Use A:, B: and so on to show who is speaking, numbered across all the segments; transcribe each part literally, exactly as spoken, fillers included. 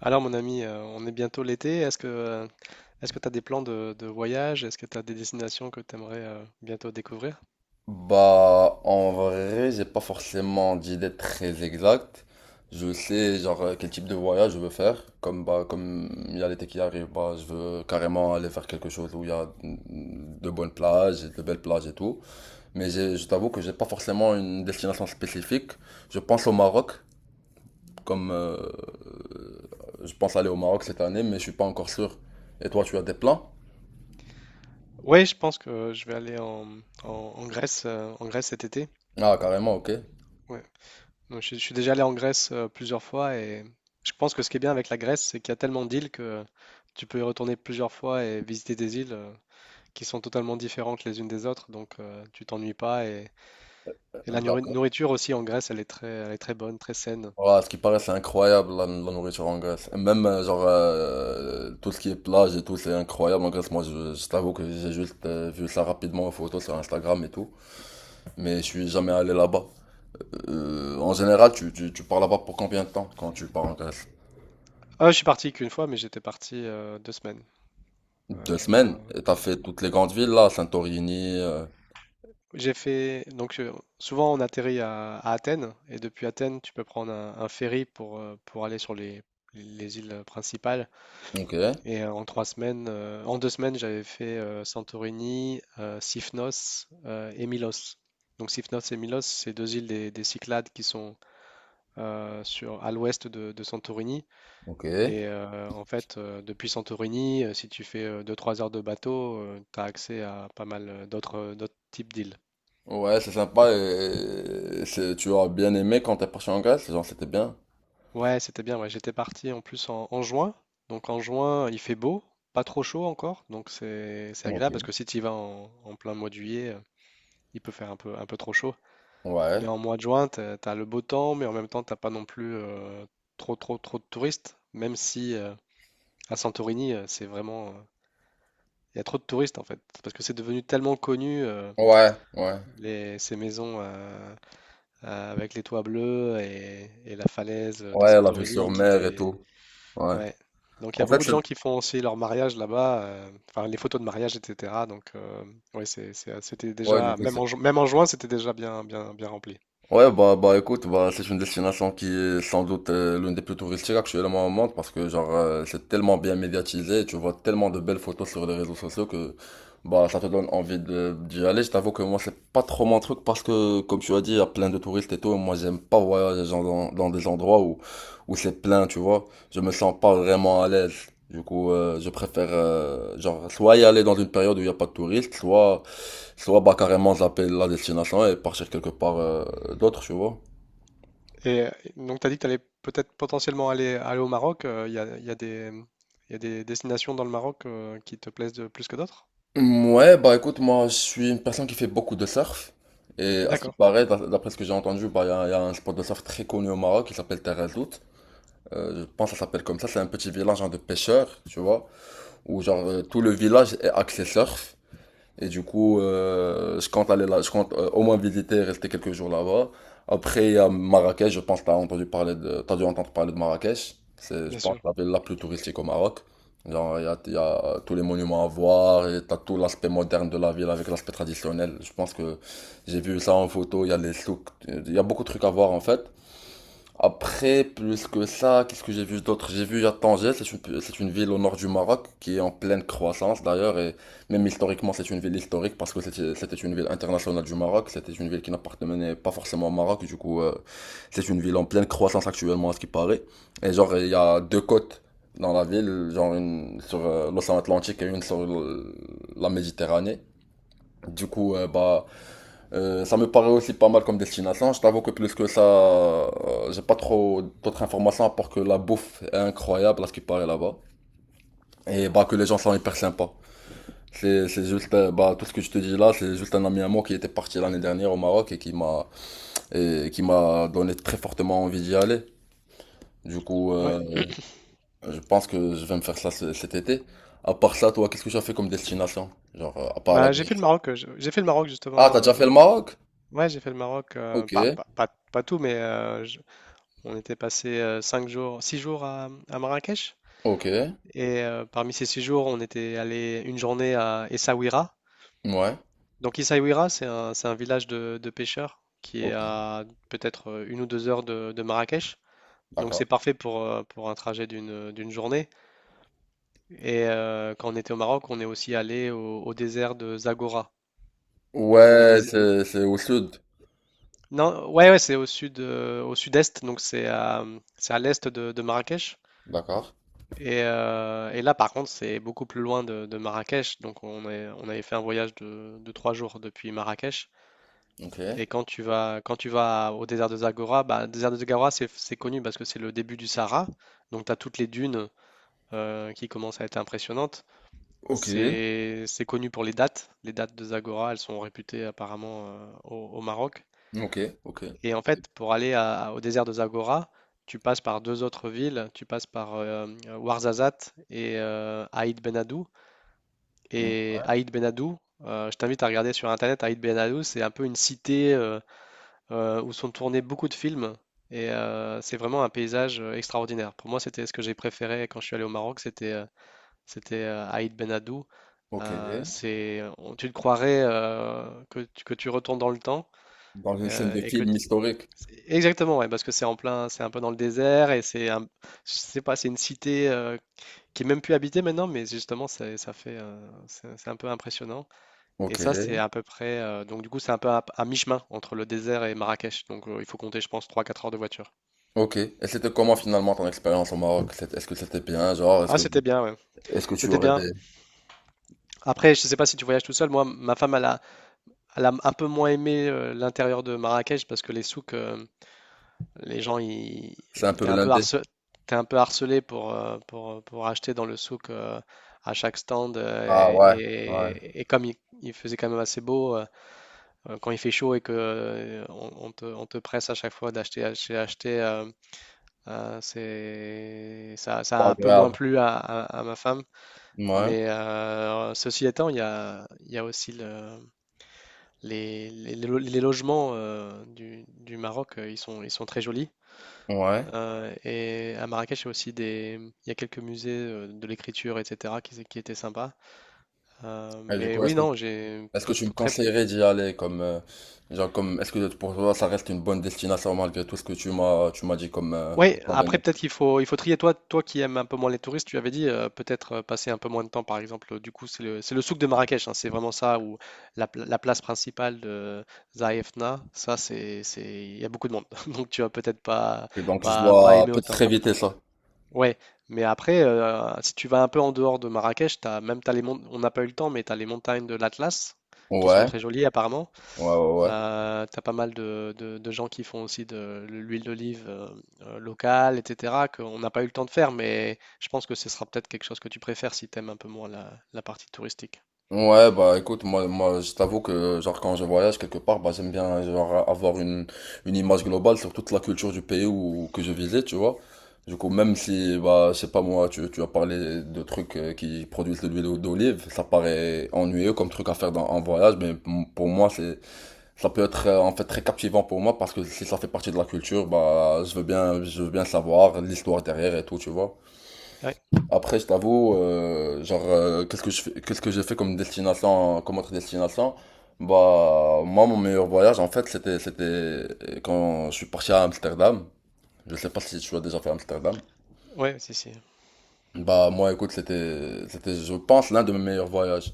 A: Alors mon ami, euh, on est bientôt l'été. Est-ce que euh, est-ce que tu as des plans de, de voyage? Est-ce que tu as des destinations que tu aimerais bientôt découvrir?
B: Bah, en vrai, j'ai pas forcément d'idée très exacte. Je sais, genre, euh, quel type de voyage je veux faire. Comme, bah, comme il y a l'été qui arrive, bah, je veux carrément aller faire quelque chose où il y a mm, de bonnes plages, et de belles plages et tout. Mais j'ai- je t'avoue que j'ai pas forcément une destination spécifique. Je pense au Maroc, comme euh, je pense aller au Maroc cette année, mais je suis pas encore sûr. Et toi, tu as des plans?
A: Oui, je pense que je vais aller en, en- en Grèce, euh, en Grèce cet été.
B: Ah, carrément, ok.
A: Ouais. Donc, je, suis je suis déjà allé en Grèce, euh, plusieurs fois, et je pense que ce qui est bien avec la Grèce, c'est qu'il y a tellement d'îles que tu peux y retourner plusieurs fois et visiter des îles euh, qui sont totalement différentes les unes des autres. Donc euh, tu t'ennuies pas, et et la nourri-
B: D'accord.
A: nourriture aussi en Grèce, elle est très elle est très bonne, très saine.
B: Ouais, à ce qui paraît, c'est incroyable la, la nourriture en Grèce. Et même, euh, genre, euh, tout ce qui est plage et tout, c'est incroyable en Grèce. Moi, je, je t'avoue que j'ai juste euh, vu ça rapidement en photo sur Instagram et tout. Mais je suis jamais allé là-bas. Euh, en général, tu, tu, tu pars là-bas pour combien de temps quand tu pars en Grèce?
A: Ah, je suis parti qu'une fois, mais j'étais parti euh, deux semaines.
B: Deux
A: Euh,
B: semaines? Et t'as fait toutes les grandes villes là, Santorini. euh,
A: j'ai fait donc euh, souvent on atterrit à, à Athènes, et depuis Athènes tu peux prendre un, un ferry pour euh, pour aller sur les les îles principales.
B: Ok,
A: Et euh, en trois semaines, euh, en deux semaines, j'avais fait euh, Santorini, euh, Syphnos euh, et Milos. Donc Syphnos et Milos, c'est deux îles des, des Cyclades qui sont euh, sur à l'ouest de, de Santorini.
B: ok.
A: Et euh, en fait, euh, depuis Santorini, euh, si tu fais deux-trois heures de bateau, tu as accès à pas mal euh, d'autres euh, d'autres types d'îles.
B: Ouais, c'est sympa et, et c'est, tu as bien aimé quand t'es parti en Grèce? Genre, c'était bien.
A: Ouais, c'était bien. Ouais, j'étais parti en plus en, en juin. Donc en juin, il fait beau, pas trop chaud encore. Donc c'est c'est
B: Ok.
A: agréable, parce que si tu y vas en, en plein mois de juillet, euh, il peut faire un peu, un peu trop chaud. Mais
B: Ouais.
A: en mois de juin, tu as le beau temps, mais en même temps, t'as pas non plus euh, trop, trop, trop de touristes. Même si euh, à Santorini, euh, c'est vraiment. Euh, Il y a trop de touristes en fait. Parce que c'est devenu tellement connu. Euh,
B: Ouais, ouais.
A: Les, ces maisons euh, euh, avec les toits bleus et, et la falaise de
B: Ouais, la vue sur
A: Santorini qui
B: mer et
A: est…
B: tout. Ouais.
A: Ouais. Donc il y a
B: En fait,
A: beaucoup de
B: c'est...
A: gens qui font aussi leur mariage là-bas, euh, enfin les photos de mariage, et cetera. Donc euh, ouais, c'est, c'est- c'était
B: Ouais, du
A: déjà,
B: coup,
A: même
B: c'est-
A: en, ju- même en juin, c'était déjà bien, bien, bien rempli.
B: Ouais, bah, bah écoute, bah, c'est une destination qui est sans doute euh, l'une des plus touristiques actuellement au monde parce que genre euh, c'est tellement bien médiatisé, tu vois tellement de belles photos sur les réseaux sociaux que bah ça te donne envie de d'y aller. Je t'avoue que moi c'est pas trop mon truc parce que comme tu as dit, il y a plein de touristes et tout, et moi j'aime pas voyager genre, dans, dans des endroits où, où c'est plein, tu vois. Je me sens pas vraiment à l'aise. Du coup, euh, je préfère euh, genre soit y aller dans une période où il n'y a pas de touristes, soit soit bah carrément zapper la destination et partir quelque part euh, d'autre, tu vois.
A: Et euh, donc tu as dit que tu allais peut-être potentiellement aller, aller au Maroc. euh, Il y a, il y a des, il y a des destinations dans le Maroc euh, qui te plaisent de- plus que d'autres?
B: Ouais, bah écoute, moi je suis une personne qui fait beaucoup de surf. Et à ce qui
A: D'accord,
B: paraît, d'a- d'après ce que j'ai entendu, bah il y a, il y a un spot de surf très connu au Maroc qui s'appelle Terrezout. Euh, je pense que ça s'appelle comme ça. C'est un petit village genre, de pêcheurs, tu vois, où genre euh, tout le village est axé surf. Et du coup, euh, je compte aller là, je compte euh, au moins visiter, rester quelques jours là-bas. Après, il y a Marrakech, je pense que t'as entendu parler de, t'as dû entendre parler de Marrakech. C'est, je
A: bien
B: pense,
A: sûr.
B: la ville la plus touristique au Maroc. Genre, il y a, il y a euh, tous les monuments à voir et t'as tout l'aspect moderne de la ville avec l'aspect traditionnel. Je pense que j'ai vu ça en photo, il y a les souks, il y a beaucoup de trucs à voir en fait. Après, plus que ça, qu'est-ce que j'ai vu d'autre? J'ai vu à Tanger, c'est une, c'est une ville au nord du Maroc qui est en pleine croissance d'ailleurs, et même historiquement, c'est une ville historique parce que c'était c'était une ville internationale du Maroc, c'était une ville qui n'appartenait pas forcément au Maroc, du coup, euh, c'est une ville en pleine croissance actuellement à ce qui paraît. Et genre, il y a deux côtes dans la ville, genre une sur euh, l'océan Atlantique et une sur le- la Méditerranée. Du coup, euh, bah, euh, ça me paraît aussi pas mal comme destination. Je t'avoue que plus que ça, euh, j'ai pas trop d'autres informations à part que la bouffe est incroyable à ce qui paraît là-bas. Et bah que les gens sont hyper sympas. C'est, c'est juste, euh, bah, tout ce que je te dis là, c'est juste un ami à moi qui était parti l'année dernière au Maroc et qui m'a, et qui m'a donné très fortement envie d'y aller. Du coup,
A: Ouais.
B: euh, je pense que je vais me faire ça ce- cet été. À part ça, toi, qu'est-ce que tu as fait comme destination? Genre, euh, à part la
A: Bah, j'ai fait le
B: Grèce.
A: Maroc, euh, je- j'ai fait le Maroc
B: Ah,
A: justement.
B: t'as déjà
A: euh,
B: fait le Maroc?
A: Ouais, j'ai fait le Maroc, euh,
B: Ok,
A: pas, pas, pas- pas tout, mais euh, je- on était passé euh, cinq jours, six jours à, à Marrakech.
B: ok,
A: Et euh, parmi ces six jours, on était allé une journée à Essaouira.
B: ouais,
A: Donc Essaouira, c'est un, c'est un village de, de pêcheurs qui est
B: ok,
A: à peut-être euh, une ou deux heures de, de Marrakech. Donc c'est
B: d'accord.
A: parfait pour, euh, pour un trajet d'une d'une journée. Et euh, quand on était au Maroc, on est aussi allé au, au désert de Zagora. Donc le,
B: Ouais,
A: dés-
B: c'est c'est au sud.
A: Non, ouais, ouais, c'est au sud, euh, au sud-est, donc c'est à, c'est à l'est de, de Marrakech.
B: D'accord.
A: Et, euh, et là, par contre, c'est beaucoup plus loin de, de Marrakech. Donc, on est, on avait fait un voyage de, de trois jours depuis Marrakech.
B: Ok.
A: Et quand tu vas, quand tu vas au désert de Zagora, bah, le désert de Zagora, c'est, c'est connu parce que c'est le début du Sahara. Donc, tu as toutes les dunes euh, qui commencent à être impressionnantes.
B: Ok.
A: C'est, c'est connu pour les dattes. Les dattes de Zagora, elles sont réputées apparemment euh, au, au Maroc.
B: Ok. Ok.
A: Et en fait, pour aller à- au désert de Zagora, tu passes par deux autres villes, tu passes par euh, Ouarzazate et euh, Aït Ben Haddou.
B: Hmm.
A: Et Aït Ben Haddou, euh, je t'invite à regarder sur Internet. Aït Ben Haddou, c'est un peu une cité euh, euh, où sont tournés beaucoup de films. Et euh, c'est vraiment un paysage euh, extraordinaire. Pour moi, c'était ce que j'ai préféré quand je suis allé au Maroc, c'était euh, c'était euh, Aït Ben Haddou.
B: Ok.
A: Euh, c'est, on- tu te croirais euh, que, tu- que tu retournes dans le temps,
B: Dans une scène
A: euh,
B: de
A: et que
B: film historique.
A: c'est- exactement, ouais, parce que c'est en plein, c'est un peu dans le désert, et c'est un, je sais pas, c'est une cité euh, qui est même plus habitée maintenant, mais justement, c'est- ça fait, euh, c'est c'est un peu impressionnant. Et
B: Ok.
A: ça, c'est à peu près, euh, donc du coup, c'est un peu à, à mi-chemin entre le désert et Marrakech. Donc euh, il faut compter, je pense, trois, quatre heures de voiture.
B: Ok. Et c'était comment finalement ton expérience au Maroc? C'est- Est-ce que c'était bien, genre, est-ce
A: Ah,
B: que
A: c'était bien, ouais.
B: est-ce que tu
A: C'était
B: aurais
A: bien.
B: des...
A: Après, je sais pas si tu voyages tout seul. Moi, ma femme, elle a, elle a un peu moins aimé euh, l'intérieur de Marrakech, parce que les souks, euh, les gens, ils,
B: C'est un
A: ils-
B: peu
A: t'es un peu
B: blindé.
A: harcelé, t'es un peu harcelé pour, euh, pour, pour acheter dans le souk, euh, à chaque stand.
B: Ah
A: Euh,
B: ouais. Ouais.
A: et, et comme il, il faisait quand même assez beau, euh, euh, quand il fait chaud et que euh, on, on te, on te presse à chaque fois d'acheter, acheter, acheter, euh, euh, c'est, ça, ça
B: Pas
A: a un peu moins
B: agréable.
A: plu à, à- à ma femme.
B: Ouais.
A: Mais euh, ceci étant, il y a, il y a aussi le- les, les- les lo- les logements euh, du, du Maroc, euh, ils sont, ils sont très jolis.
B: Ouais.
A: Euh, et à Marrakech, il y a aussi des, il y a quelques musées euh, de l'écriture, et cetera, qui, qui étaient sympas. Euh,
B: Et du
A: mais
B: coup,
A: oui,
B: est-ce que
A: non, j'ai
B: est-ce que
A: pour-
B: tu me
A: pour très.
B: conseillerais d'y aller comme euh, genre comme est-ce que pour toi ça reste une bonne destination malgré tout ce que tu m'as tu m'as dit comme euh,
A: Oui, après peut-être qu'il faut, il faut trier. Toi, toi qui aimes un peu moins les touristes, tu avais dit euh, peut-être euh, passer un peu moins de temps, par exemple. Du coup, c'est le, c'est le souk de Marrakech, hein, c'est vraiment ça, ou la, pla- la place principale de Zaïfna. Ça, c'est, c'est, il y a beaucoup de monde, donc tu vas peut-être pas,
B: Et donc je
A: pas, pas
B: dois
A: aimer
B: peut-être
A: autant.
B: éviter ça.
A: Ouais, mais après, euh, si tu vas un peu en dehors de Marrakech, t'as, même t'as les mont- on n'a pas eu le temps, mais tu as les montagnes de l'Atlas qui sont
B: Ouais,
A: très jolies apparemment.
B: ouais, ouais, ouais.
A: Euh, tu as pas mal de, de- de gens qui font aussi de l'huile d'olive, euh, euh, locale, et cetera, qu'on n'a pas eu le temps de faire, mais je pense que ce sera peut-être quelque chose que tu préfères si tu aimes un peu moins la, la partie touristique.
B: Ouais, bah écoute, moi, moi, je t'avoue que genre quand je voyage quelque part, bah j'aime bien genre avoir une, une image globale sur toute la culture du pays où, que je visite, tu vois. Du coup, même si, bah, je sais pas moi, tu, tu as parlé de trucs euh, qui produisent de l'huile d'olive, ça paraît ennuyeux comme truc à faire dans, en voyage, mais m- pour moi, c'est, ça peut être euh, en fait très captivant pour moi parce que si ça fait partie de la culture, bah, je veux bien, je veux bien savoir l'histoire derrière et tout, tu vois.
A: Ouais,
B: Après, je t'avoue, euh, genre, euh, qu'est-ce que je fais, qu'est-ce que j'ai fait comme destination, comme autre destination? Bah, moi, mon meilleur voyage, en fait, c'était, c'était euh, quand je suis parti à Amsterdam. Je sais pas si tu as déjà fait Amsterdam.
A: ouais, si, si.
B: Bah, moi, écoute, c'était, c'était, je pense, l'un de mes meilleurs voyages.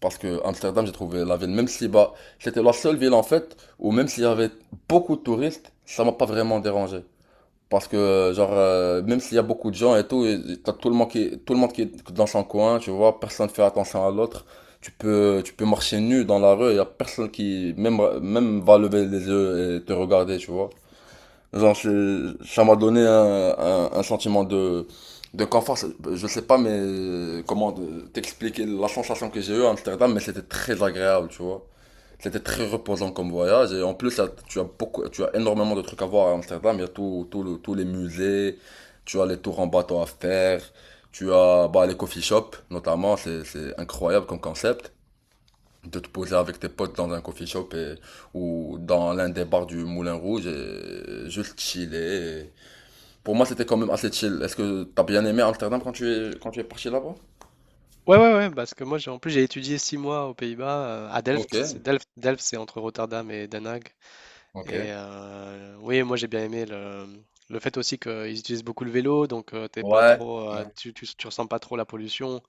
B: Parce que Amsterdam, j'ai trouvé la ville, même si, bah, c'était la seule ville, en fait, où même s'il y avait beaucoup de touristes, ça m'a pas vraiment dérangé. Parce que, genre, euh, même s'il y a beaucoup de gens et tout, et et t'as tout le monde qui, tout le monde qui est dans son coin, tu vois, personne fait attention à l'autre. Tu peux, tu peux marcher nu dans la rue, il y a personne qui, même, même va lever les yeux et te regarder, tu vois. Genre, c'est- ça m'a donné un, un, un sentiment de, de confort. C'est- Je sais pas, mais euh, comment de- t'expliquer la sensation que j'ai eue à Amsterdam, mais c'était très agréable, tu vois. C'était très reposant comme voyage et en plus tu as beaucoup, tu as énormément de trucs à voir à Amsterdam. Il y a tout, tout le- tous les musées, tu as les tours en bateau à faire, tu as bah, les coffee shops notamment, c'est, c'est incroyable comme concept de te poser avec tes potes dans un coffee shop et- ou dans l'un des bars du Moulin Rouge et juste chiller. Et pour moi c'était quand même assez chill. Est-ce que t'as bien aimé Amsterdam quand tu es, quand tu es parti là-bas?
A: Ouais, ouais, ouais, parce que moi, j'ai, en plus, j'ai étudié six mois aux Pays-Bas, euh, à
B: Ok,
A: Delft. C'est Delft. Delft, c'est entre Rotterdam et Den Haag.
B: ok.
A: Et euh, oui, moi j'ai bien aimé le, le fait aussi qu'ils utilisent beaucoup le vélo, donc euh, t'es pas
B: Ouais,
A: trop, euh,
B: ouais,
A: tu, tu, tu ressens pas trop la pollution.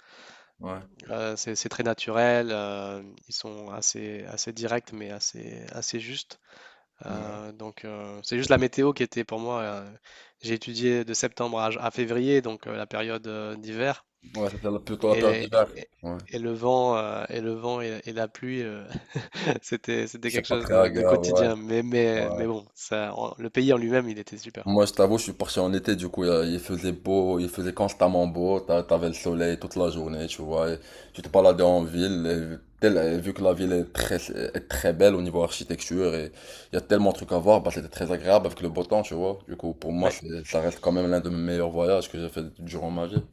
B: ouais.
A: Euh, c'est, c'est très naturel. Euh, ils sont assez, assez directs mais assez, assez justes.
B: Ouais,
A: Euh, donc euh, c'est juste la météo qui était pour moi. Euh, j'ai étudié de septembre à, à février, donc euh, la période euh, d'hiver.
B: ouais, c'était la- plutôt la période
A: Et,
B: d'hiver.
A: et-
B: Ouais.
A: et le vent, euh, et le vent et, et la pluie, euh, c'était, c'était
B: C'est
A: quelque
B: pas
A: chose
B: très
A: de, de
B: agréable, ouais.
A: quotidien. Mais, mais,
B: ouais.
A: mais bon, ça, en- le pays en lui-même, il était super.
B: Moi, je t'avoue, je suis parti en été, du coup, euh, il faisait beau, il faisait constamment beau, t'a- t'avais le soleil toute la journée, tu vois. Et tu te baladais en ville, et tel- et vu que la ville est très, est très belle au niveau architecture, et il y a tellement de trucs à voir, bah, c'était très agréable avec le beau temps, tu vois. Du coup, pour moi,
A: Ouais,
B: c'est- ça reste quand même l'un de mes meilleurs voyages que j'ai fait durant ma vie.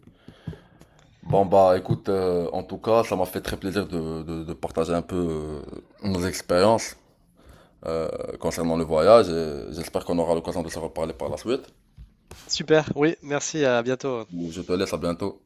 B: Bon, bah, écoute, euh, en tout cas, ça m'a fait très plaisir de, de, de partager un peu euh, nos expériences. Euh, concernant le voyage. euh, J'espère qu'on aura l'occasion de se reparler par la suite.
A: super. Oui, merci. À bientôt.
B: Je te laisse à bientôt.